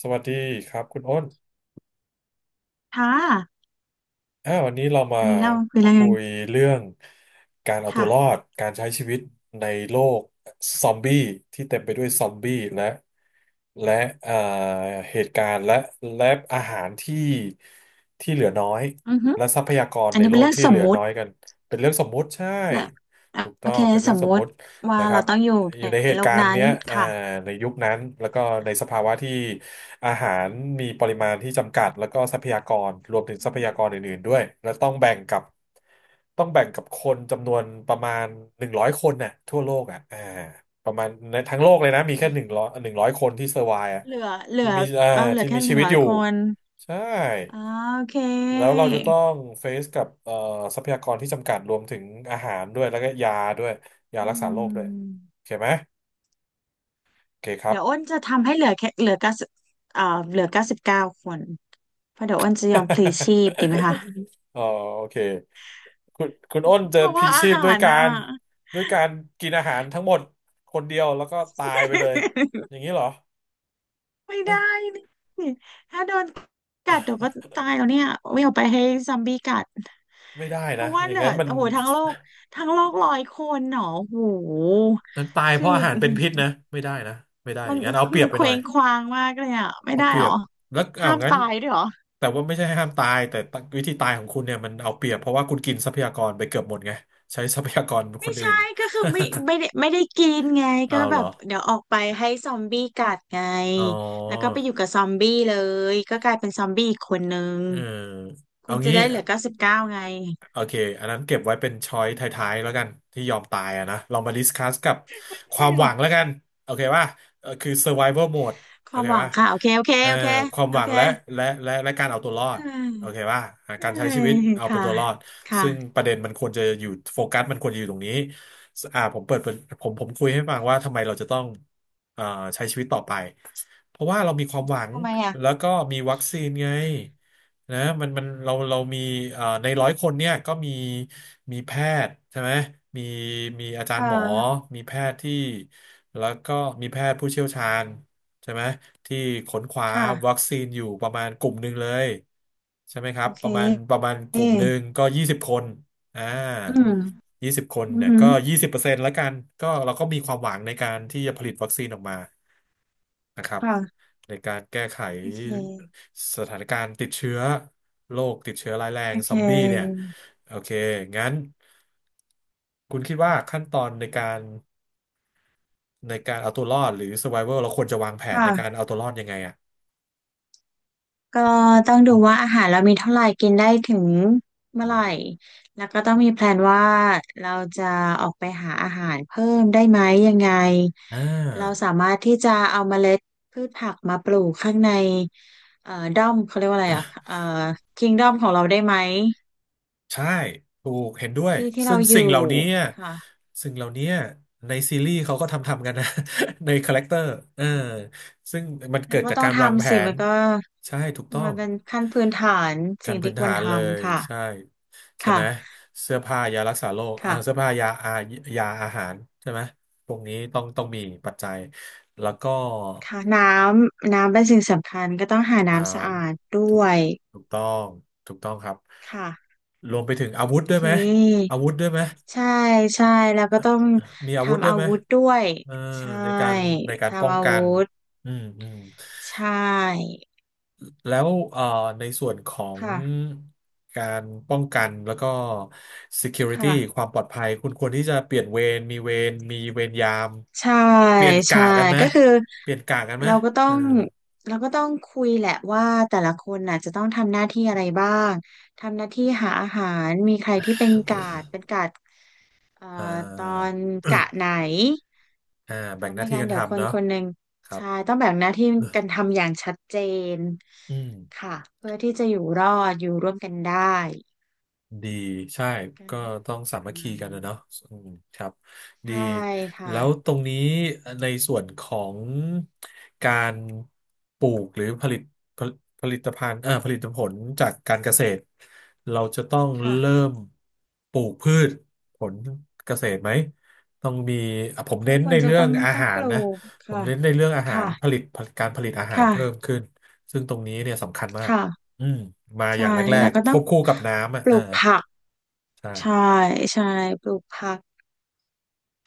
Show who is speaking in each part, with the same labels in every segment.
Speaker 1: สวัสดีครับคุณอ้น
Speaker 2: ค่ะ
Speaker 1: วันนี้เรามา
Speaker 2: วันนี้เราคุยเรื่
Speaker 1: คุ
Speaker 2: อง
Speaker 1: ยเรื่องการเอาตั
Speaker 2: ค่ะ
Speaker 1: วรอดการใช้ชีวิตในโลกซอมบี้ที่เต็มไปด้วยซอมบี้และเอ่อเหตุการณ์และอาหารที่เหลือน้อย
Speaker 2: อือฮึ
Speaker 1: และทรัพยากร
Speaker 2: อัน
Speaker 1: ใน
Speaker 2: นี้
Speaker 1: โล
Speaker 2: เป็น
Speaker 1: ก
Speaker 2: เรื่อง
Speaker 1: ที่
Speaker 2: ส
Speaker 1: เห
Speaker 2: ม
Speaker 1: ลือ
Speaker 2: มุ
Speaker 1: น้อ
Speaker 2: ติ
Speaker 1: ยกันเป็นเรื่องสมมุติใช่
Speaker 2: และอ่ะ
Speaker 1: ถูก
Speaker 2: โอ
Speaker 1: ต้อ
Speaker 2: เค
Speaker 1: งเป็น
Speaker 2: ส
Speaker 1: เรื่อ
Speaker 2: ม
Speaker 1: งสม
Speaker 2: มุ
Speaker 1: มุ
Speaker 2: ติ
Speaker 1: ติ
Speaker 2: ว่า
Speaker 1: นะครั
Speaker 2: เรา
Speaker 1: บ
Speaker 2: ต้องอยู่
Speaker 1: อ
Speaker 2: ใน
Speaker 1: ยู่ในเห
Speaker 2: โล
Speaker 1: ตุกา
Speaker 2: ก
Speaker 1: รณ์
Speaker 2: นั้น
Speaker 1: เนี้ย
Speaker 2: ค่ะ
Speaker 1: ในยุคนั้นแล้วก็ในสภาวะที่ อาหารมีปริมาณที่จำกัดแล้วก็ทรัพยากรรวมถึงท
Speaker 2: อื
Speaker 1: รัพ
Speaker 2: ม
Speaker 1: ยากรอื่นๆด้วยแล้วต้องแบ่งกับคนจำนวนประมาณหนึ่งร้อยคนน่ะทั่วโลกอ่ะอ่าประมาณในทั้งโลกเลยนะมีแค่
Speaker 2: ไม่
Speaker 1: หนึ่ง
Speaker 2: ใช่
Speaker 1: ร้อยหนึ่งร้อยคนที่เซอร์ไวอ่ะ
Speaker 2: เหลือเหลื
Speaker 1: ที่
Speaker 2: อ
Speaker 1: มีอ่า
Speaker 2: เออเหลือ
Speaker 1: ที่
Speaker 2: แค่
Speaker 1: มี
Speaker 2: ห
Speaker 1: ชี
Speaker 2: นึ่ง
Speaker 1: วิต
Speaker 2: ร้อ
Speaker 1: อ
Speaker 2: ย
Speaker 1: ยู่
Speaker 2: คน
Speaker 1: ใช่
Speaker 2: อ่าโอเค
Speaker 1: แล้วเราจะต้องเฟซกับทรัพยากรที่จำกัดรวมถึงอาหารด้วยแล้วก็ยาด้วยยา
Speaker 2: อื
Speaker 1: รักษาโรคด้วย
Speaker 2: ม
Speaker 1: โอเคไหมโอเคครับ
Speaker 2: เดี๋ยวอ้นจะทำให้เหลือแค่เอ่อเหลือเก้าสิบเก้าคนเพราะเดี๋ยวอ้นจะยอมพลีชีพ ดีไหมคะ
Speaker 1: อ๋อโอเค คุณอ้นเจอ
Speaker 2: เพราะ
Speaker 1: พี
Speaker 2: ว่าอา
Speaker 1: ชีพ
Speaker 2: หา
Speaker 1: ด้วย
Speaker 2: ร
Speaker 1: กา
Speaker 2: น่ะ
Speaker 1: รด้วยการกินอาหารทั้งหมดคนเดียวแล้วก็ตายไปเลยอย่างนี้เหรอ
Speaker 2: ไม่ได้
Speaker 1: เอ๊ะ
Speaker 2: นี่ถ้าโดนกัดเดี๋ยวก็ตายแล้ วเนี่ยไม่เอาไปให้ซอมบี้กัด
Speaker 1: ไม่ได้
Speaker 2: เพ
Speaker 1: นะ
Speaker 2: ราะว่า
Speaker 1: อ
Speaker 2: เห
Speaker 1: ย่าง
Speaker 2: ลือ
Speaker 1: นั้นมัน
Speaker 2: โอ้โหทั้งโลกทั้งโลกร้อยคนหนอโอ้โห
Speaker 1: มันตายเพ
Speaker 2: คื
Speaker 1: ราะ
Speaker 2: อ
Speaker 1: อาหารเป็นพิษนะไม่ได้นะไม่ได้อ
Speaker 2: มัน
Speaker 1: ย่างนั้นเอาเปรี
Speaker 2: มั
Speaker 1: ย
Speaker 2: น
Speaker 1: บไป
Speaker 2: เค
Speaker 1: หน่
Speaker 2: ว้
Speaker 1: อย
Speaker 2: งคว้างมากเลยอ่ะไม่
Speaker 1: เอา
Speaker 2: ได้
Speaker 1: เปรี
Speaker 2: หร
Speaker 1: ย
Speaker 2: อ
Speaker 1: บแล้วเอา
Speaker 2: ห้าม
Speaker 1: งั้น
Speaker 2: ตายด้วยหรอ
Speaker 1: แต่ว่าไม่ใช่ห้ามตายแต่วิธีตายของคุณเนี่ยมันเอาเปรียบเพราะว่าคุณกินทรัพยากรไปเกือบหมดไงใช้ทรัพยากรค
Speaker 2: ไม่
Speaker 1: นอื่
Speaker 2: ใช่
Speaker 1: น
Speaker 2: ก็คือไม่ได้กินไง ก็
Speaker 1: เอา
Speaker 2: แบ
Speaker 1: เหรอ
Speaker 2: บเดี๋ยวออกไปให้ซอมบี้กัดไง
Speaker 1: อ๋อ
Speaker 2: แล้วก็ไปอยู่กับซอมบี้เลยก็กลายเป็นซอมบี้อีกคนนึง
Speaker 1: เออ
Speaker 2: คุ
Speaker 1: เอา
Speaker 2: ณจะ
Speaker 1: งี้
Speaker 2: ได้เหลือเก้าสิบเก้าไง
Speaker 1: โอเคอันนั้นเก็บไว้เป็นช้อยท้ายๆแล้วกันที่ยอมตายอะนะเรามาดิสคัสกับความหวังแล้วกันโอเคป่ะเออคือ survival mode
Speaker 2: ค
Speaker 1: โอ
Speaker 2: วาม
Speaker 1: เค
Speaker 2: หวัง
Speaker 1: ป่ะ
Speaker 2: ค่ะโอเคโอเค
Speaker 1: เออ
Speaker 2: โอเค
Speaker 1: ความ
Speaker 2: โอ
Speaker 1: หวัง
Speaker 2: เค
Speaker 1: และการเอาตัวรอ
Speaker 2: เฮ้
Speaker 1: ด
Speaker 2: ย
Speaker 1: โอเคป่ะอ่า
Speaker 2: เฮ้
Speaker 1: การใช้ชีวิต
Speaker 2: ย
Speaker 1: เอาเป็
Speaker 2: ค่ะ
Speaker 1: นตัวรอด
Speaker 2: ค่ะ
Speaker 1: ซึ่งประเด็นมันควรจะอยู่โฟกัสมันควรจะอยู่ตรงนี้อ่าผมเปิดเป็นผมคุยให้ฟังว่าทำไมเราจะต้องเอ่อใช้ชีวิตต่อไป เพราะว่าเรามีความหวัง
Speaker 2: ทำไมอ่ะ
Speaker 1: แล้วก็มีวัคซีนไงนะมันเรามีในร้อยคนเนี่ยก็มีแพทย์ใช่ไหมมีมีอาจา
Speaker 2: เอ
Speaker 1: ร
Speaker 2: อ
Speaker 1: ย์หมอมีแพทย์ที่แล้วก็มีแพทย์ผู้เชี่ยวชาญใช่ไหมที่ค้นคว้าวั
Speaker 2: ค่ะ
Speaker 1: คซีนอยู่ประมาณกลุ่มหนึ่งเลยใช่ไหมค
Speaker 2: โอ
Speaker 1: รับ
Speaker 2: เค
Speaker 1: ประมาณก
Speaker 2: อื
Speaker 1: ลุ่มหนึ่งก็ยี่สิบคนอ่า
Speaker 2: ม
Speaker 1: ยี่สิบคน
Speaker 2: อือ
Speaker 1: เนี่ย
Speaker 2: หือ
Speaker 1: ก็20%ละกันก็เราก็มีความหวังในการที่จะผลิตวัคซีนออกมา นะครับ
Speaker 2: ค่ะ
Speaker 1: ในการแก้ไข
Speaker 2: โอเค
Speaker 1: สถานการณ์ติดเชื้อโรคติดเชื้อร้ายแร
Speaker 2: โอ
Speaker 1: ง
Speaker 2: เค
Speaker 1: ซอมบี้เนี่ยโอเคงั้นคุณคิดว่าขั้นตอนในการเอาตัวรอดหรือ survival เราควรจะวางแผนในการ
Speaker 2: ค่ะ
Speaker 1: เอาตัวรอดยังไงอ่ะ
Speaker 2: ก็ต้องดูว่าอาหารเรามีเท่าไหร่กินได้ถึงเมื่อไหร่แล้วก็ต้องมีแพลนว่าเราจะออกไปหาอาหารเพิ่มได้ไหมยังไง
Speaker 1: อ่า
Speaker 2: เราสามารถที่จะเอาเมล็ดพืชผักมาปลูกข้างในด้อมเขาเรียกว่าอะไรอ่ะคิงด้อมของเราได้ไหม
Speaker 1: ใช่ถูกเห็นด้วย
Speaker 2: ที่ที่
Speaker 1: ซึ่
Speaker 2: เรา
Speaker 1: ง
Speaker 2: อ
Speaker 1: สิ่ง
Speaker 2: ยู่
Speaker 1: เหล่านี้อะ
Speaker 2: ค่ะ
Speaker 1: สิ่งเหล่านี้อะในซีรีส์เขาก็ทำกันนะ ในคาแรคเตอร์เออ
Speaker 2: อ่ะ
Speaker 1: ซึ่งมัน
Speaker 2: แล้
Speaker 1: เกิ
Speaker 2: ว
Speaker 1: ด
Speaker 2: ก็
Speaker 1: จาก
Speaker 2: ต้อง
Speaker 1: การวางแผ
Speaker 2: ทำสิมั
Speaker 1: น
Speaker 2: นก็
Speaker 1: ใช่ถูกต้อ
Speaker 2: มั
Speaker 1: ง
Speaker 2: นเป็นขั้นพื้นฐาน
Speaker 1: ขั้
Speaker 2: สิ่
Speaker 1: น
Speaker 2: ง
Speaker 1: พื้
Speaker 2: ที่
Speaker 1: น
Speaker 2: คว
Speaker 1: ฐา
Speaker 2: ร
Speaker 1: น
Speaker 2: ท
Speaker 1: เลย
Speaker 2: ำค่ะ
Speaker 1: ใช่ใช่ไหม
Speaker 2: ค่ะ
Speaker 1: เสื้อผ้ายารักษาโรค
Speaker 2: ค่ะ
Speaker 1: เสื้อผ้ายายาอาหารใช่ไหมพวกนี้ต้องมีปัจจัยแล้วก็
Speaker 2: ค่ะน้ำน้ำเป็นสิ่งสำคัญก็ต้องหา
Speaker 1: อ่า
Speaker 2: น้ำสะอาดด้
Speaker 1: ถูก
Speaker 2: วย
Speaker 1: ถูกต้องถูกต้องครับ
Speaker 2: ค่ะ
Speaker 1: รวมไปถึงอาวุธ
Speaker 2: โอเ
Speaker 1: ด้วยไหม
Speaker 2: ค
Speaker 1: อาวุธด้วยไหม
Speaker 2: ใช่ใช่แล้วก็ต้อง
Speaker 1: มีอาวุธ
Speaker 2: ทำ
Speaker 1: ด้ว
Speaker 2: อา
Speaker 1: ยไหม
Speaker 2: วุธด้วย
Speaker 1: เออ
Speaker 2: ใช่
Speaker 1: ในการในการป้อ
Speaker 2: ทำ
Speaker 1: ง
Speaker 2: อา
Speaker 1: กั
Speaker 2: วุ
Speaker 1: น
Speaker 2: ธ
Speaker 1: อืมอืม
Speaker 2: ใช่
Speaker 1: แล้วในส่วนของ
Speaker 2: ค่ะ
Speaker 1: การป้องกัน แล้วก็ security
Speaker 2: ค่ะ
Speaker 1: ความปลอดภัย คุณควรที่จะเปลี่ยนเวรยาม
Speaker 2: ใช่
Speaker 1: เปลี่ยนกะ
Speaker 2: ใช่
Speaker 1: กันไหม
Speaker 2: ก็คือ
Speaker 1: เปลี่ยนกะกันไหม
Speaker 2: เราก็ต้อ
Speaker 1: เออ
Speaker 2: งเราก็ต้องคุยแหละว่าแต่ละคนน่ะจะต้องทำหน้าที่อะไรบ้างทำหน้าที่หาอาหารมีใครที่เป็นกาดเอ่อ
Speaker 1: อ่า
Speaker 2: ตอนกะไหน
Speaker 1: อ่า
Speaker 2: เพ
Speaker 1: แบ่ง
Speaker 2: ราะ
Speaker 1: หน้า
Speaker 2: ไม่
Speaker 1: ที่
Speaker 2: งั้น
Speaker 1: กัน
Speaker 2: เดี๋ยวค
Speaker 1: ทำ
Speaker 2: น
Speaker 1: เนาะ
Speaker 2: คนหนึ่ง
Speaker 1: ครับ
Speaker 2: ใช่ต้องแบ่งหน้าที่กันทำอย่างชัดเจน
Speaker 1: อืม
Speaker 2: ค่ะเพื่อที่จะอยู่รอดอยู่ร่วมกันได้
Speaker 1: ดีใช่
Speaker 2: กัน
Speaker 1: ก็ต้องสา
Speaker 2: ป
Speaker 1: มั
Speaker 2: ระ
Speaker 1: คคี
Speaker 2: มาณ
Speaker 1: กันนะ
Speaker 2: นี้
Speaker 1: เนาะอืมครับดี
Speaker 2: ใช่ค่ะ
Speaker 1: แล้วตรงนี้ในส่วนของการปลูกหรือผลิตผลิตภัณฑ์ผลิตผลจากการเกษตรเราจะต้อง
Speaker 2: ค่ะ
Speaker 1: เริ่มปลูกพืชผลเกษตรไหมต้องมีอ่ะผม
Speaker 2: ก็
Speaker 1: เน้น
Speaker 2: คว
Speaker 1: ใน
Speaker 2: รจะ
Speaker 1: เรื่อ
Speaker 2: ต้อ
Speaker 1: ง
Speaker 2: ง
Speaker 1: อา
Speaker 2: ต้อง
Speaker 1: หา
Speaker 2: ป
Speaker 1: ร
Speaker 2: ลู
Speaker 1: นะ
Speaker 2: ก
Speaker 1: ผม
Speaker 2: ค่ะ
Speaker 1: เน้นในเรื่องอาหาร
Speaker 2: ค่ะ
Speaker 1: ผลิตการผลิตอาหาร
Speaker 2: ค่ะ
Speaker 1: เพิ่มขึ้นซึ่งตรงนี้เนี่ยสำคัญมาก
Speaker 2: ค่ะ
Speaker 1: อืมมาอ
Speaker 2: ใช่
Speaker 1: ย่างแร
Speaker 2: แล้ว
Speaker 1: ก
Speaker 2: ก็
Speaker 1: ๆค
Speaker 2: ต้อง
Speaker 1: วบคู่กับน้ำอ่ะ
Speaker 2: ป
Speaker 1: เอ
Speaker 2: ลู
Speaker 1: อ
Speaker 2: กผักใช่
Speaker 1: ใช่
Speaker 2: ใช่ปลูกผัก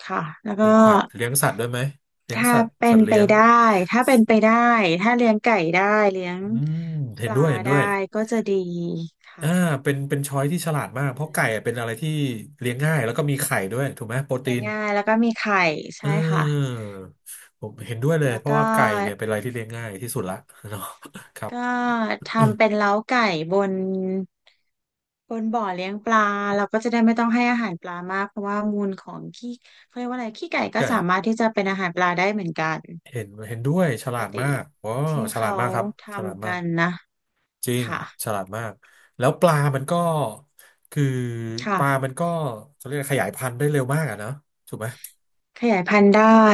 Speaker 2: ค่ะแล้ว
Speaker 1: ป
Speaker 2: ก็
Speaker 1: ลูกผักเลี้ยงสัตว์ด้วยไหมเลี้ยง
Speaker 2: ถ้า
Speaker 1: สัตว์
Speaker 2: เป็
Speaker 1: สั
Speaker 2: น
Speaker 1: ตว์
Speaker 2: ไป
Speaker 1: เลี้ยง
Speaker 2: ได้ถ้าเป็นไปได้ถ้าเลี้ยงไก่ได้เลี้ยง
Speaker 1: อืม
Speaker 2: ป
Speaker 1: เห็น
Speaker 2: ลา
Speaker 1: ด้วยเห็นด้
Speaker 2: ได้
Speaker 1: วย
Speaker 2: ก็จะดีค่ะ
Speaker 1: อ่าเป็นช้อยที่ฉลาดมา
Speaker 2: ใช
Speaker 1: กเพราะไก่อะ
Speaker 2: ่
Speaker 1: เป็นอะไรที่เลี้ยงง่ายแล้วก็มีไข่ด้วยถูกไหมโปรตี
Speaker 2: เลี้ยง
Speaker 1: น
Speaker 2: ง่ายแล้วก็มีไข่
Speaker 1: เอื
Speaker 2: ใช่ค่ะ
Speaker 1: มผมเห็นด้วยเลย
Speaker 2: แล้ว
Speaker 1: เพราะ
Speaker 2: ก็
Speaker 1: ว่าไก่เนี่ยเป็นอะไรที่เลี้ยงง่ายที่สุดละ เนาะครับ
Speaker 2: ก็
Speaker 1: เอม
Speaker 2: ทำเป็นเล้าไก่บนบนบ่อเลี้ยงปลาเราก็จะได้ไม่ต้องให้อาหารปลามากเพราะว่ามูลของขี้เขาเรียกว่าอะไรขี้ไก่ก็
Speaker 1: ไก่
Speaker 2: สามารถที่จะเป็นอาหารปลาได้เหมือนกัน
Speaker 1: เห็นด้วยฉ
Speaker 2: ปก
Speaker 1: ลาดมา
Speaker 2: ติ
Speaker 1: กว้า
Speaker 2: ที่
Speaker 1: ฉลาด
Speaker 2: เขา
Speaker 1: มากครับฉลาด
Speaker 2: ทำ
Speaker 1: มา
Speaker 2: กั
Speaker 1: ก
Speaker 2: นนะ
Speaker 1: จริง
Speaker 2: ค่ะ
Speaker 1: ฉลาดมากแล้วปลามันก็คือปลา
Speaker 2: ค่ะ
Speaker 1: มันก็เขาเรียกขยายพันธุ์ได้เร็วมากอะเนอะถูกไหม
Speaker 2: ขยายพันธุ์ได้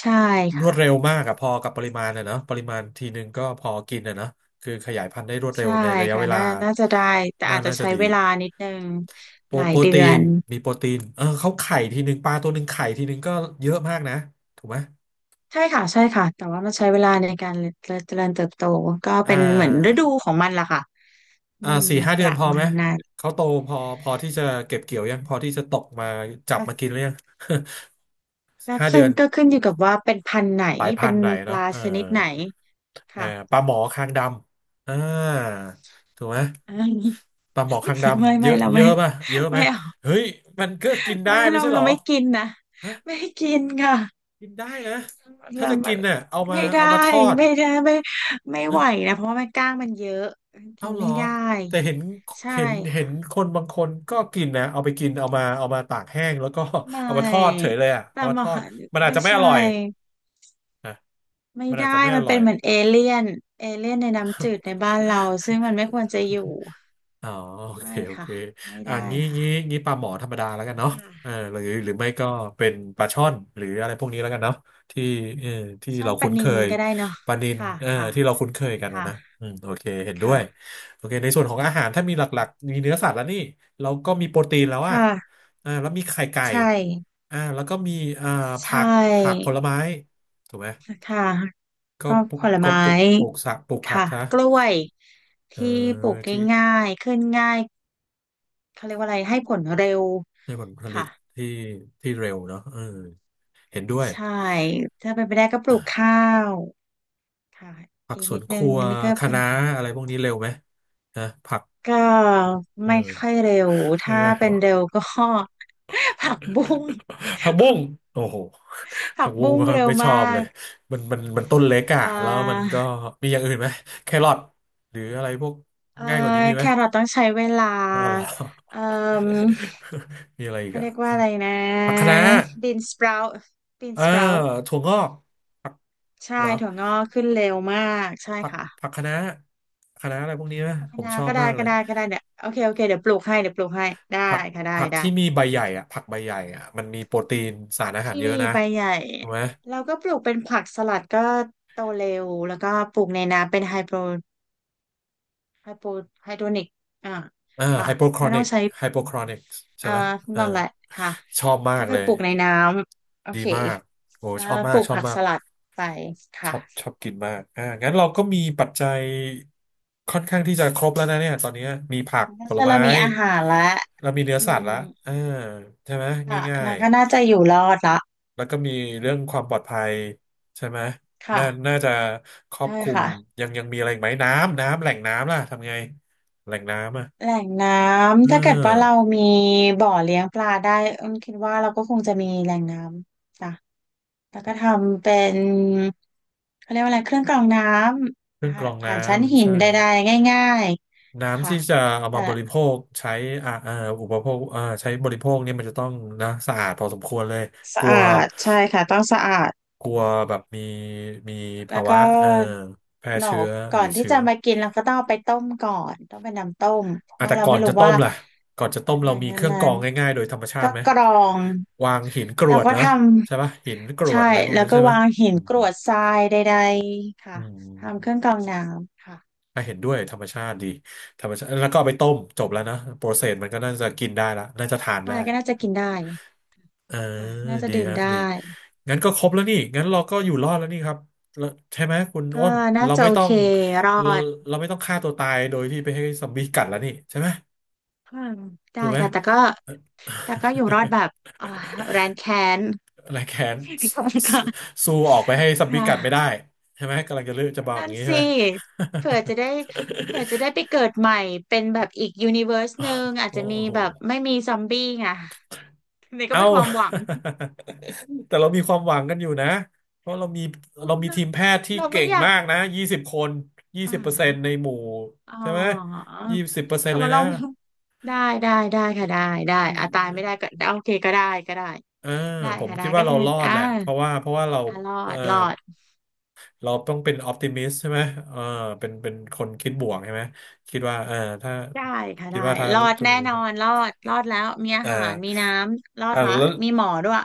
Speaker 2: ใช่
Speaker 1: รว
Speaker 2: ค่ะ
Speaker 1: ดเร็วมากอะพอกับปริมาณอะเนอะปริมาณทีนึงก็พอกินอะเนอะคือขยายพันธุ์ได้รวดเร็
Speaker 2: ใช่
Speaker 1: วในระยะ
Speaker 2: ค่ะ
Speaker 1: เวลา
Speaker 2: น่าน่าจะได้แต่
Speaker 1: น่า
Speaker 2: อาจจะ
Speaker 1: น่าจะ
Speaker 2: ใช้
Speaker 1: ดี
Speaker 2: เวลานิดนึง
Speaker 1: โปร
Speaker 2: หลาย
Speaker 1: โปร
Speaker 2: เดื
Speaker 1: ตี
Speaker 2: อ
Speaker 1: น
Speaker 2: น
Speaker 1: มีโปรตีนเออเขาไข่ทีนึงปลาตัวหนึ่งไข่ทีนึงก็เยอะมากนะถูกไหม
Speaker 2: ใช่ค่ะใช่ค่ะแต่ว่ามันใช้เวลาในการเจริญเติบโตก็
Speaker 1: อ่
Speaker 2: เป็นเหมือนฤ
Speaker 1: า
Speaker 2: ดูของมันล่ะค่ะอืม
Speaker 1: สี่ห้า
Speaker 2: ป
Speaker 1: เดือน
Speaker 2: ระ
Speaker 1: พอ
Speaker 2: มา
Speaker 1: ไหม
Speaker 2: ณนั้น
Speaker 1: เขาโตพอพอที่จะเก็บเกี่ยวยังพอที่จะตกมาจับ
Speaker 2: ก็
Speaker 1: มากินหรือยัง
Speaker 2: ก็
Speaker 1: ห้าเดื
Speaker 2: ขึ้
Speaker 1: อ
Speaker 2: น
Speaker 1: น
Speaker 2: ก็ขึ้นอยู่กับว่าเป็นพันธุ์ไหน
Speaker 1: หลายพั
Speaker 2: เป็
Speaker 1: น
Speaker 2: น
Speaker 1: หน่อย
Speaker 2: ป
Speaker 1: เนาะ
Speaker 2: ลา
Speaker 1: เออ
Speaker 2: ชนิดไหน
Speaker 1: เออ
Speaker 2: ค่ะ
Speaker 1: ปลาหมอคางดำถูกไหม
Speaker 2: อืม
Speaker 1: ปลาหมอคางด
Speaker 2: ไม่
Speaker 1: ำเย
Speaker 2: ไม่
Speaker 1: อะ
Speaker 2: เรา
Speaker 1: เย
Speaker 2: ไม่
Speaker 1: อะป่ะเยอะไห
Speaker 2: ไม่
Speaker 1: ม
Speaker 2: เอา
Speaker 1: เฮ้ยมันก็กินได้
Speaker 2: ไม่
Speaker 1: ไม่
Speaker 2: เรา
Speaker 1: ใช่เห
Speaker 2: เรา
Speaker 1: รอ
Speaker 2: ไม่กินนะ
Speaker 1: ฮะ
Speaker 2: ไม่กินค่ะ
Speaker 1: กินได้นะถ้า
Speaker 2: เรา
Speaker 1: จะ
Speaker 2: มั
Speaker 1: กิ
Speaker 2: น
Speaker 1: นเนี่ยเอามา
Speaker 2: ไม่ได้
Speaker 1: เอามาทอด
Speaker 2: ไม่ได้ไม่ไม่ไหว
Speaker 1: เอะ
Speaker 2: นะเพราะว่ามันกล้างมันเยอะ
Speaker 1: เอา
Speaker 2: กิน
Speaker 1: เหร
Speaker 2: ไม่
Speaker 1: อ
Speaker 2: ได้
Speaker 1: แต่เห็น
Speaker 2: ใช่
Speaker 1: เห็น
Speaker 2: ค่ะ
Speaker 1: คนบางคนก็กินนะเอาไปกินเอามาตากแห้งแล้วก็
Speaker 2: ไม่
Speaker 1: เอามาทอดเฉยเลยอ่ะ
Speaker 2: ป
Speaker 1: เอา
Speaker 2: ลา
Speaker 1: มา
Speaker 2: หม
Speaker 1: ท
Speaker 2: อ
Speaker 1: อดมันอาจ
Speaker 2: ไม่
Speaker 1: จะไม่อ
Speaker 2: ใช่
Speaker 1: ร่อยนะ
Speaker 2: ไม่
Speaker 1: มันอา
Speaker 2: ได้
Speaker 1: จจะไม่อ
Speaker 2: มัน
Speaker 1: ร่
Speaker 2: เป็
Speaker 1: อย
Speaker 2: นเหมือนเอเลี่ยนเอเลี่ยนในน้ำจืดในบ้านเราซึ่งมันไม่ควรจะอยู่
Speaker 1: อ๋อโอเค
Speaker 2: ไม่
Speaker 1: โอเค
Speaker 2: ค่ะไม่
Speaker 1: อ่ะ
Speaker 2: ได้ค่ะ
Speaker 1: งี้ปลาหมอธรรมดาแล้วกันเนาะ
Speaker 2: ค่ะ
Speaker 1: เออหรือไม่ก็เป็นปลาช่อนหรืออะไรพวกนี้แล้วกันเนาะที่เออที่
Speaker 2: ช่อ
Speaker 1: เรา
Speaker 2: นปลา
Speaker 1: คุ้น
Speaker 2: นิ
Speaker 1: เค
Speaker 2: ล
Speaker 1: ย
Speaker 2: ก็ได้เนาะ
Speaker 1: ปลานิล
Speaker 2: ค่ะ
Speaker 1: เออ
Speaker 2: ค่ะ
Speaker 1: ที่เราคุ้นเคยกันนะนะ
Speaker 2: ค่ะ
Speaker 1: อืมโอเคเห็นด้วย
Speaker 2: ค่ะ
Speaker 1: โอเคในส่วนของอาหารถ้ามีหลักๆมีเนื้อสัตว์แล้วนี่เราก็มีโปรตีนแล้วอ่ะ
Speaker 2: ค่ะ
Speaker 1: อ่าแล้วมีไข่ไก่
Speaker 2: ใช่
Speaker 1: อ่าแล้วก็มีอ่าผั
Speaker 2: ใช่
Speaker 1: กผักผลไม้ถูกไหม
Speaker 2: ค่ะ
Speaker 1: ก็
Speaker 2: ก็
Speaker 1: ปลู
Speaker 2: ผ
Speaker 1: ก
Speaker 2: ล
Speaker 1: ก็
Speaker 2: ไม้
Speaker 1: ปลูกปลูกสักปลูกผัก
Speaker 2: ค่ะ
Speaker 1: นะ
Speaker 2: กล้วย
Speaker 1: เออ
Speaker 2: ที่ปลูก
Speaker 1: ที่
Speaker 2: ง่ายๆขึ้นง่ายเขาเรียกว่าอะไรให้ผลเร็ว
Speaker 1: ได้ผลผลิ
Speaker 2: ค่ะ
Speaker 1: ตที่ที่เร็วเนาะเออเห็นด้วย
Speaker 2: ใช่ถ้าเป็นไปได้ก็ปลูกข้าวค่ะ
Speaker 1: ผัก
Speaker 2: อีก
Speaker 1: ส
Speaker 2: นิ
Speaker 1: วน
Speaker 2: ด
Speaker 1: ค
Speaker 2: นึง
Speaker 1: รัว
Speaker 2: อันนี่ก็
Speaker 1: คะ
Speaker 2: เป็น
Speaker 1: น้าอะไรพวกนี้เร็วไหมนะผัก
Speaker 2: ก็
Speaker 1: เอ
Speaker 2: ไม่
Speaker 1: อ
Speaker 2: ค่อยเร็ว
Speaker 1: เออ
Speaker 2: ถ้าเป็
Speaker 1: โอ้
Speaker 2: นเร็วก็ ผักบุ้ง
Speaker 1: ผักบุ้งโอ้โห
Speaker 2: ผั
Speaker 1: ผั
Speaker 2: ก
Speaker 1: กบุ้
Speaker 2: บุ้
Speaker 1: ง
Speaker 2: งเร็ว
Speaker 1: ไม่ช
Speaker 2: มา
Speaker 1: อบเล
Speaker 2: ก
Speaker 1: ย มันต้นเล็กอะ
Speaker 2: อ่
Speaker 1: แล้วมัน
Speaker 2: า
Speaker 1: ก็มีอย่างอื่นไหมแครอทหรืออะไรพวก
Speaker 2: เอ่อ
Speaker 1: ง่ายกว่านี้มีไห
Speaker 2: แค
Speaker 1: ม
Speaker 2: รอทต้องใช้เวลา
Speaker 1: อ๋อเหรอ
Speaker 2: เอ่อ
Speaker 1: มีอะไรอีก
Speaker 2: เขา
Speaker 1: อะ
Speaker 2: เรียกว่าอะไรนะ
Speaker 1: ผักคะน้า
Speaker 2: บีนสปราวต์บีน
Speaker 1: เออ
Speaker 2: สปราว
Speaker 1: ถั่วงอกผัก
Speaker 2: ใช่
Speaker 1: เหรอ
Speaker 2: ถั่วงอกขึ้นเร็วมากใช่
Speaker 1: ผัก
Speaker 2: ค่ะ
Speaker 1: ผักคะน้าอะไรพวกนี้นะ
Speaker 2: ผัก
Speaker 1: ผ
Speaker 2: คะ
Speaker 1: ม
Speaker 2: น้า
Speaker 1: ชอ
Speaker 2: ก็
Speaker 1: บ
Speaker 2: ได้
Speaker 1: มากเล
Speaker 2: ก็
Speaker 1: ย
Speaker 2: ได้ก็ได้เนี่ยโอเคโอเคเดี๋ยวปลูกให้เดี๋ยวปลูกให้ได้
Speaker 1: ผัก
Speaker 2: ค่ะได้
Speaker 1: ผัก
Speaker 2: ได้
Speaker 1: ที่มีใบใหญ่อะผักใบใหญ่อะมันมีโปรตีนสา
Speaker 2: ผั
Speaker 1: ร
Speaker 2: ก
Speaker 1: อาหาร
Speaker 2: ที่
Speaker 1: เยอะ
Speaker 2: มี
Speaker 1: นะ
Speaker 2: ใบใหญ่
Speaker 1: ถูกไหม
Speaker 2: เราก็ปลูกเป็นผักสลัดก็โตเร็วแล้วก็ปลูกในน้ำเป็นไฮโปรไฮโปไฮโดรนิกอ่า
Speaker 1: เออ
Speaker 2: ค่ะ
Speaker 1: ไฮโปครอ
Speaker 2: ไม่
Speaker 1: นิ
Speaker 2: ต้อง
Speaker 1: ก
Speaker 2: ใช้
Speaker 1: ไฮโปครอนิกใช่
Speaker 2: เอ่อ
Speaker 1: ไหมเออ
Speaker 2: นั่นแหละค่ะ
Speaker 1: ชอบมา
Speaker 2: ก็
Speaker 1: ก
Speaker 2: คื
Speaker 1: เล
Speaker 2: อ
Speaker 1: ย
Speaker 2: ปลูกในน้ำโอ
Speaker 1: ดี
Speaker 2: เค
Speaker 1: มากโอ้
Speaker 2: แล้
Speaker 1: ช
Speaker 2: ว
Speaker 1: อบ
Speaker 2: ป
Speaker 1: มาก
Speaker 2: ลูก
Speaker 1: ชอบ
Speaker 2: ผัก
Speaker 1: มา
Speaker 2: ส
Speaker 1: ก
Speaker 2: ลัดไป
Speaker 1: ชอบ
Speaker 2: ค่ะ
Speaker 1: ชอบกินมากอ่างั้นเราก็มีปัจจัยค่อนข้างที่จะครบแล้วนะเนี่ยตอนนี้มีผัก
Speaker 2: แล้
Speaker 1: ผล
Speaker 2: วเรา
Speaker 1: ไม้
Speaker 2: มีอาหารละ
Speaker 1: เรามีเนื้อ
Speaker 2: อื
Speaker 1: สัต
Speaker 2: ม
Speaker 1: ว์ละอ่าใช่ไหม
Speaker 2: ค่ะ
Speaker 1: ง่า
Speaker 2: แล้
Speaker 1: ย
Speaker 2: วก็น่าจะอยู่รอดละ
Speaker 1: แล้วก็มีเรื่องความปลอดภัยใช่ไหมน่า
Speaker 2: ค่ะ
Speaker 1: น่าจะครอบ
Speaker 2: ใช่
Speaker 1: คลุม
Speaker 2: ค่ะ
Speaker 1: ยังมีอะไรอีกไหมน้ำแหล่งน้ำล่ะทำไงแหล่งน้ำอ่ะ
Speaker 2: แหล่งน้
Speaker 1: เ
Speaker 2: ำถ้าเกิดว่าเรา
Speaker 1: ออ
Speaker 2: มีบ่อเลี้ยงปลาได้เอิ้นคิดว่าเราก็คงจะมีแหล่งน้ำจ้ะแล้วก็ทำเป็นเขาเรียกว่าอะไรเครื่องกรองน้
Speaker 1: เค
Speaker 2: ำ
Speaker 1: รื่
Speaker 2: อ่า
Speaker 1: องกรอง
Speaker 2: ผ่า
Speaker 1: น้
Speaker 2: นชั้นหิ
Speaker 1: ำ
Speaker 2: น
Speaker 1: ใช่
Speaker 2: ใดๆง่ายๆ
Speaker 1: น้ำ
Speaker 2: ค่ะ
Speaker 1: ที่จะเอา
Speaker 2: แต่
Speaker 1: มาบริโภคใช้อ่าเอ่ออุปโภคอ่าใช้บริโภคเนี่ยมันจะต้องนะสะอาดพอสมควรเลยก
Speaker 2: สะ
Speaker 1: ลัว
Speaker 2: อาดใช่ค่ะต้องสะอาด
Speaker 1: กลัวแบบมี
Speaker 2: แล้
Speaker 1: ภา
Speaker 2: วก็
Speaker 1: วะแพร่
Speaker 2: หนอ
Speaker 1: เชื้
Speaker 2: ก
Speaker 1: อ
Speaker 2: ก่อ
Speaker 1: หรื
Speaker 2: น
Speaker 1: อ
Speaker 2: ที่
Speaker 1: เชื้
Speaker 2: จะ
Speaker 1: อ
Speaker 2: มากินเราก็ต้องเอาไปต้มก่อนต้องเป็นน้ำต้มเพราะ
Speaker 1: อ่ะ
Speaker 2: ว่า
Speaker 1: แต่
Speaker 2: เรา
Speaker 1: ก่อ
Speaker 2: ไม่
Speaker 1: น
Speaker 2: รู้
Speaker 1: จะต้
Speaker 2: ว่า
Speaker 1: มล่ะก่อนจะต้ม
Speaker 2: ห
Speaker 1: เรา
Speaker 2: ลัง
Speaker 1: มี
Speaker 2: จา
Speaker 1: เค
Speaker 2: ก
Speaker 1: รื่องกร
Speaker 2: นั้
Speaker 1: อ
Speaker 2: น
Speaker 1: งง่ายๆโดยธรรมชา
Speaker 2: ก็
Speaker 1: ติไหม
Speaker 2: กรอง
Speaker 1: วางหินกร
Speaker 2: แล้ว
Speaker 1: วด
Speaker 2: ก็
Speaker 1: เหรอ
Speaker 2: ท
Speaker 1: ใช่ปะหินกร
Speaker 2: ำ
Speaker 1: ว
Speaker 2: ใช่
Speaker 1: ดอะไรพวก
Speaker 2: แล้ว
Speaker 1: นั้น
Speaker 2: ก็
Speaker 1: ใช่ไหม
Speaker 2: วางหิน
Speaker 1: อื
Speaker 2: ก
Speaker 1: ม
Speaker 2: รวดทรายใดๆค่ะ
Speaker 1: อืม
Speaker 2: ทำเครื่องกรองน้ำค่ะ
Speaker 1: อ่ะเห็นด้วยธรรมชาติดีธรรมชาติแล้วก็เอาไปต้มจบแล้วนะโปรเซสมันก็น่าจะกินได้ละน่าจะทาน
Speaker 2: อะ
Speaker 1: ได้
Speaker 2: ไรก็น่าจะกินได้
Speaker 1: เออ
Speaker 2: ค่ะน่าจะ
Speaker 1: ดี
Speaker 2: ดื่ม
Speaker 1: ฮะ
Speaker 2: ได้
Speaker 1: ดีงั้นก็ครบแล้วนี่งั้นเราก็อยู่รอดแล้วนี่ครับแล้วใช่ไหมคุณ
Speaker 2: ก็
Speaker 1: อ้น
Speaker 2: น่า
Speaker 1: เรา
Speaker 2: จะ
Speaker 1: ไม่
Speaker 2: โอ
Speaker 1: ต้อ
Speaker 2: เค
Speaker 1: ง
Speaker 2: รอ
Speaker 1: เรา
Speaker 2: ด
Speaker 1: เราไม่ต้องฆ่าตัวตายโดยที่ไปให้ซอมบี้กัดแล้วนี่ใช่ไหม
Speaker 2: อืมได้
Speaker 1: ถูกไหม
Speaker 2: ค่ะแต่ก็อยู่รอดแบ บอ่าแรนแค้น
Speaker 1: อะไรแค้น ส
Speaker 2: ค่ะ
Speaker 1: สู้ออกไปให้ซั
Speaker 2: ค
Speaker 1: มบี้กัดไม่ได้
Speaker 2: ่ะ
Speaker 1: ใช่ไหมกำลังจะเลือกจะบอกอ
Speaker 2: นั่
Speaker 1: ย่า
Speaker 2: น
Speaker 1: งนี้ใช่
Speaker 2: สิ
Speaker 1: ไหม
Speaker 2: เผื่อจะได้เผื่อจะได้ไปเกิดใหม่เป็นแบบอีกยูนิเวอร์สหนึ่ง อาจ
Speaker 1: โอ้
Speaker 2: จะมี
Speaker 1: โห
Speaker 2: แบบไม่มีซอมบี้ไงนี่ก็
Speaker 1: เอ้า
Speaker 2: เป็นความหวัง
Speaker 1: แต่เรามีความหวังกันอยู่นะเพราะเรามีเรามี
Speaker 2: เรา
Speaker 1: ทีมแพทย์ที่
Speaker 2: เรา
Speaker 1: เก่
Speaker 2: ไม่
Speaker 1: ง
Speaker 2: อยาก
Speaker 1: มากนะ20 คนยี่
Speaker 2: อ่า
Speaker 1: สิบเปอร์เซ็นต์ในหมู่
Speaker 2: อ๋อ
Speaker 1: ใช่ไหมยี่สิบเปอร์เซ็น
Speaker 2: แต่
Speaker 1: ต์เล
Speaker 2: ว่า
Speaker 1: ย
Speaker 2: เรา
Speaker 1: นะ
Speaker 2: ไม่ได้ได้ได้ค่ะได้ได้
Speaker 1: ยี่
Speaker 2: อ่ะตายไม่ได้ก็โอเคก็ได้ก็ได้
Speaker 1: อ่า
Speaker 2: ได้
Speaker 1: ผม
Speaker 2: ค่ะได้
Speaker 1: คิด
Speaker 2: ก็
Speaker 1: ว่าเรา
Speaker 2: คือ
Speaker 1: รอด
Speaker 2: อ่า
Speaker 1: แหละเพราะว่าเรา
Speaker 2: อ่ะรอ
Speaker 1: เอ่อ
Speaker 2: ดรอด
Speaker 1: เราต้องเป็นออ t ติมิสใช่ไหมเออเป็นคนคิดบวกใช่ไหมคิดว่าเออถ้า
Speaker 2: ได้ค่ะ
Speaker 1: คิ
Speaker 2: ได้
Speaker 1: ดว่าถ้า
Speaker 2: รอด
Speaker 1: ถึง
Speaker 2: แน่นอนรอดรอดแล้วมีอา
Speaker 1: เออ
Speaker 2: หารมีน้ำรอด
Speaker 1: อ่า
Speaker 2: ละ
Speaker 1: แล้ว
Speaker 2: มีหมอด้วย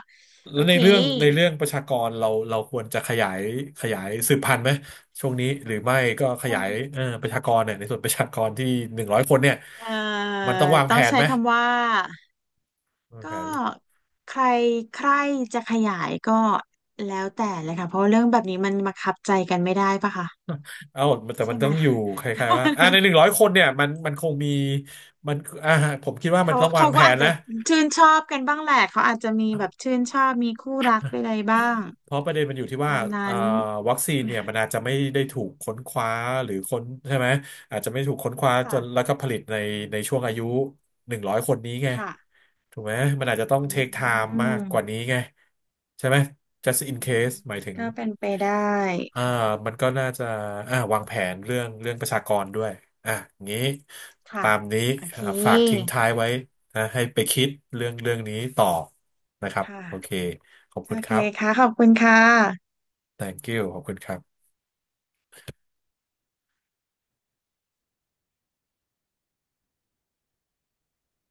Speaker 2: โอ
Speaker 1: แล้วใน
Speaker 2: เค
Speaker 1: เรื่องในเรื่องประชากรเราควรจะขยายขยายสืบพันธุ์ไหม ช่วงนี้หรือไม่ก็ขยายเออประชากรเนี่ยในส่วนประชากรที่หนึ่งร้อยคนเนี่ย
Speaker 2: เอ่อ
Speaker 1: มันต้องวาง
Speaker 2: ต้
Speaker 1: แผ
Speaker 2: อง
Speaker 1: น
Speaker 2: ใช้
Speaker 1: ไหม
Speaker 2: คำว่า
Speaker 1: วาง
Speaker 2: ก็
Speaker 1: แผน
Speaker 2: ใครใครจะขยายก็แล้วแต่เลยค่ะเพราะว่าเรื่องแบบนี้มันบังคับใจกันไม่ได้ปะคะ
Speaker 1: เอ้าแต่
Speaker 2: ใช่
Speaker 1: มัน
Speaker 2: ไห
Speaker 1: ต้
Speaker 2: ม
Speaker 1: องอยู่คล้าย ๆว่าอ่าในหนึ่งร้อยคนเนี่ยมันคงมีมันอ่าผมคิดว่ามัน
Speaker 2: เขา
Speaker 1: ต้องวา
Speaker 2: เขา
Speaker 1: งแผ
Speaker 2: ก็อา
Speaker 1: น
Speaker 2: จจะ
Speaker 1: นะ
Speaker 2: ชื่นชอบกันบ้างแหละเขาอาจจะมีแบบชื่นชอบมีคู่รักใไรบ้าง
Speaker 1: เพราะประเด็นมันอยู่ที่ว่า
Speaker 2: ตาม
Speaker 1: เอ่
Speaker 2: นั้
Speaker 1: อ
Speaker 2: น
Speaker 1: วัคซีนเนี่ยมันอาจจะไม่ได้ถูกค้นคว้าหรือค้นใช่ไหมอาจจะไม่ถูกค้นคว้า จนแล้
Speaker 2: ค่ะ
Speaker 1: วก็ผลิตในในช่วงอายุหนึ่งร้อยคนนี้ไง
Speaker 2: ค่ะ
Speaker 1: ถูกไหมมันอาจจะต้อง
Speaker 2: อ
Speaker 1: เทคไทม์
Speaker 2: ื
Speaker 1: มากกว่า
Speaker 2: ม
Speaker 1: นี้ไงใช่ไหม just in
Speaker 2: อืม
Speaker 1: case หมายถึง
Speaker 2: ก็เป็นไปได้
Speaker 1: อ่า
Speaker 2: ค่ะ
Speaker 1: มันก็น่าจะอ่าวางแผนเรื่องประชากรด้วยอ่ะงี้
Speaker 2: ค่ะ
Speaker 1: ตามนี้
Speaker 2: โอเค
Speaker 1: อ่าฝากทิ้งท้ายไว้นะให้ไปคิดเรื่องเรื่องนี้ต่อนะครับ
Speaker 2: ค่ะ
Speaker 1: โอเคขอบ
Speaker 2: โอ
Speaker 1: คุณค
Speaker 2: เค
Speaker 1: รับ
Speaker 2: ค่ะขอบคุณค่ะ
Speaker 1: thank you ขอบคุณครับ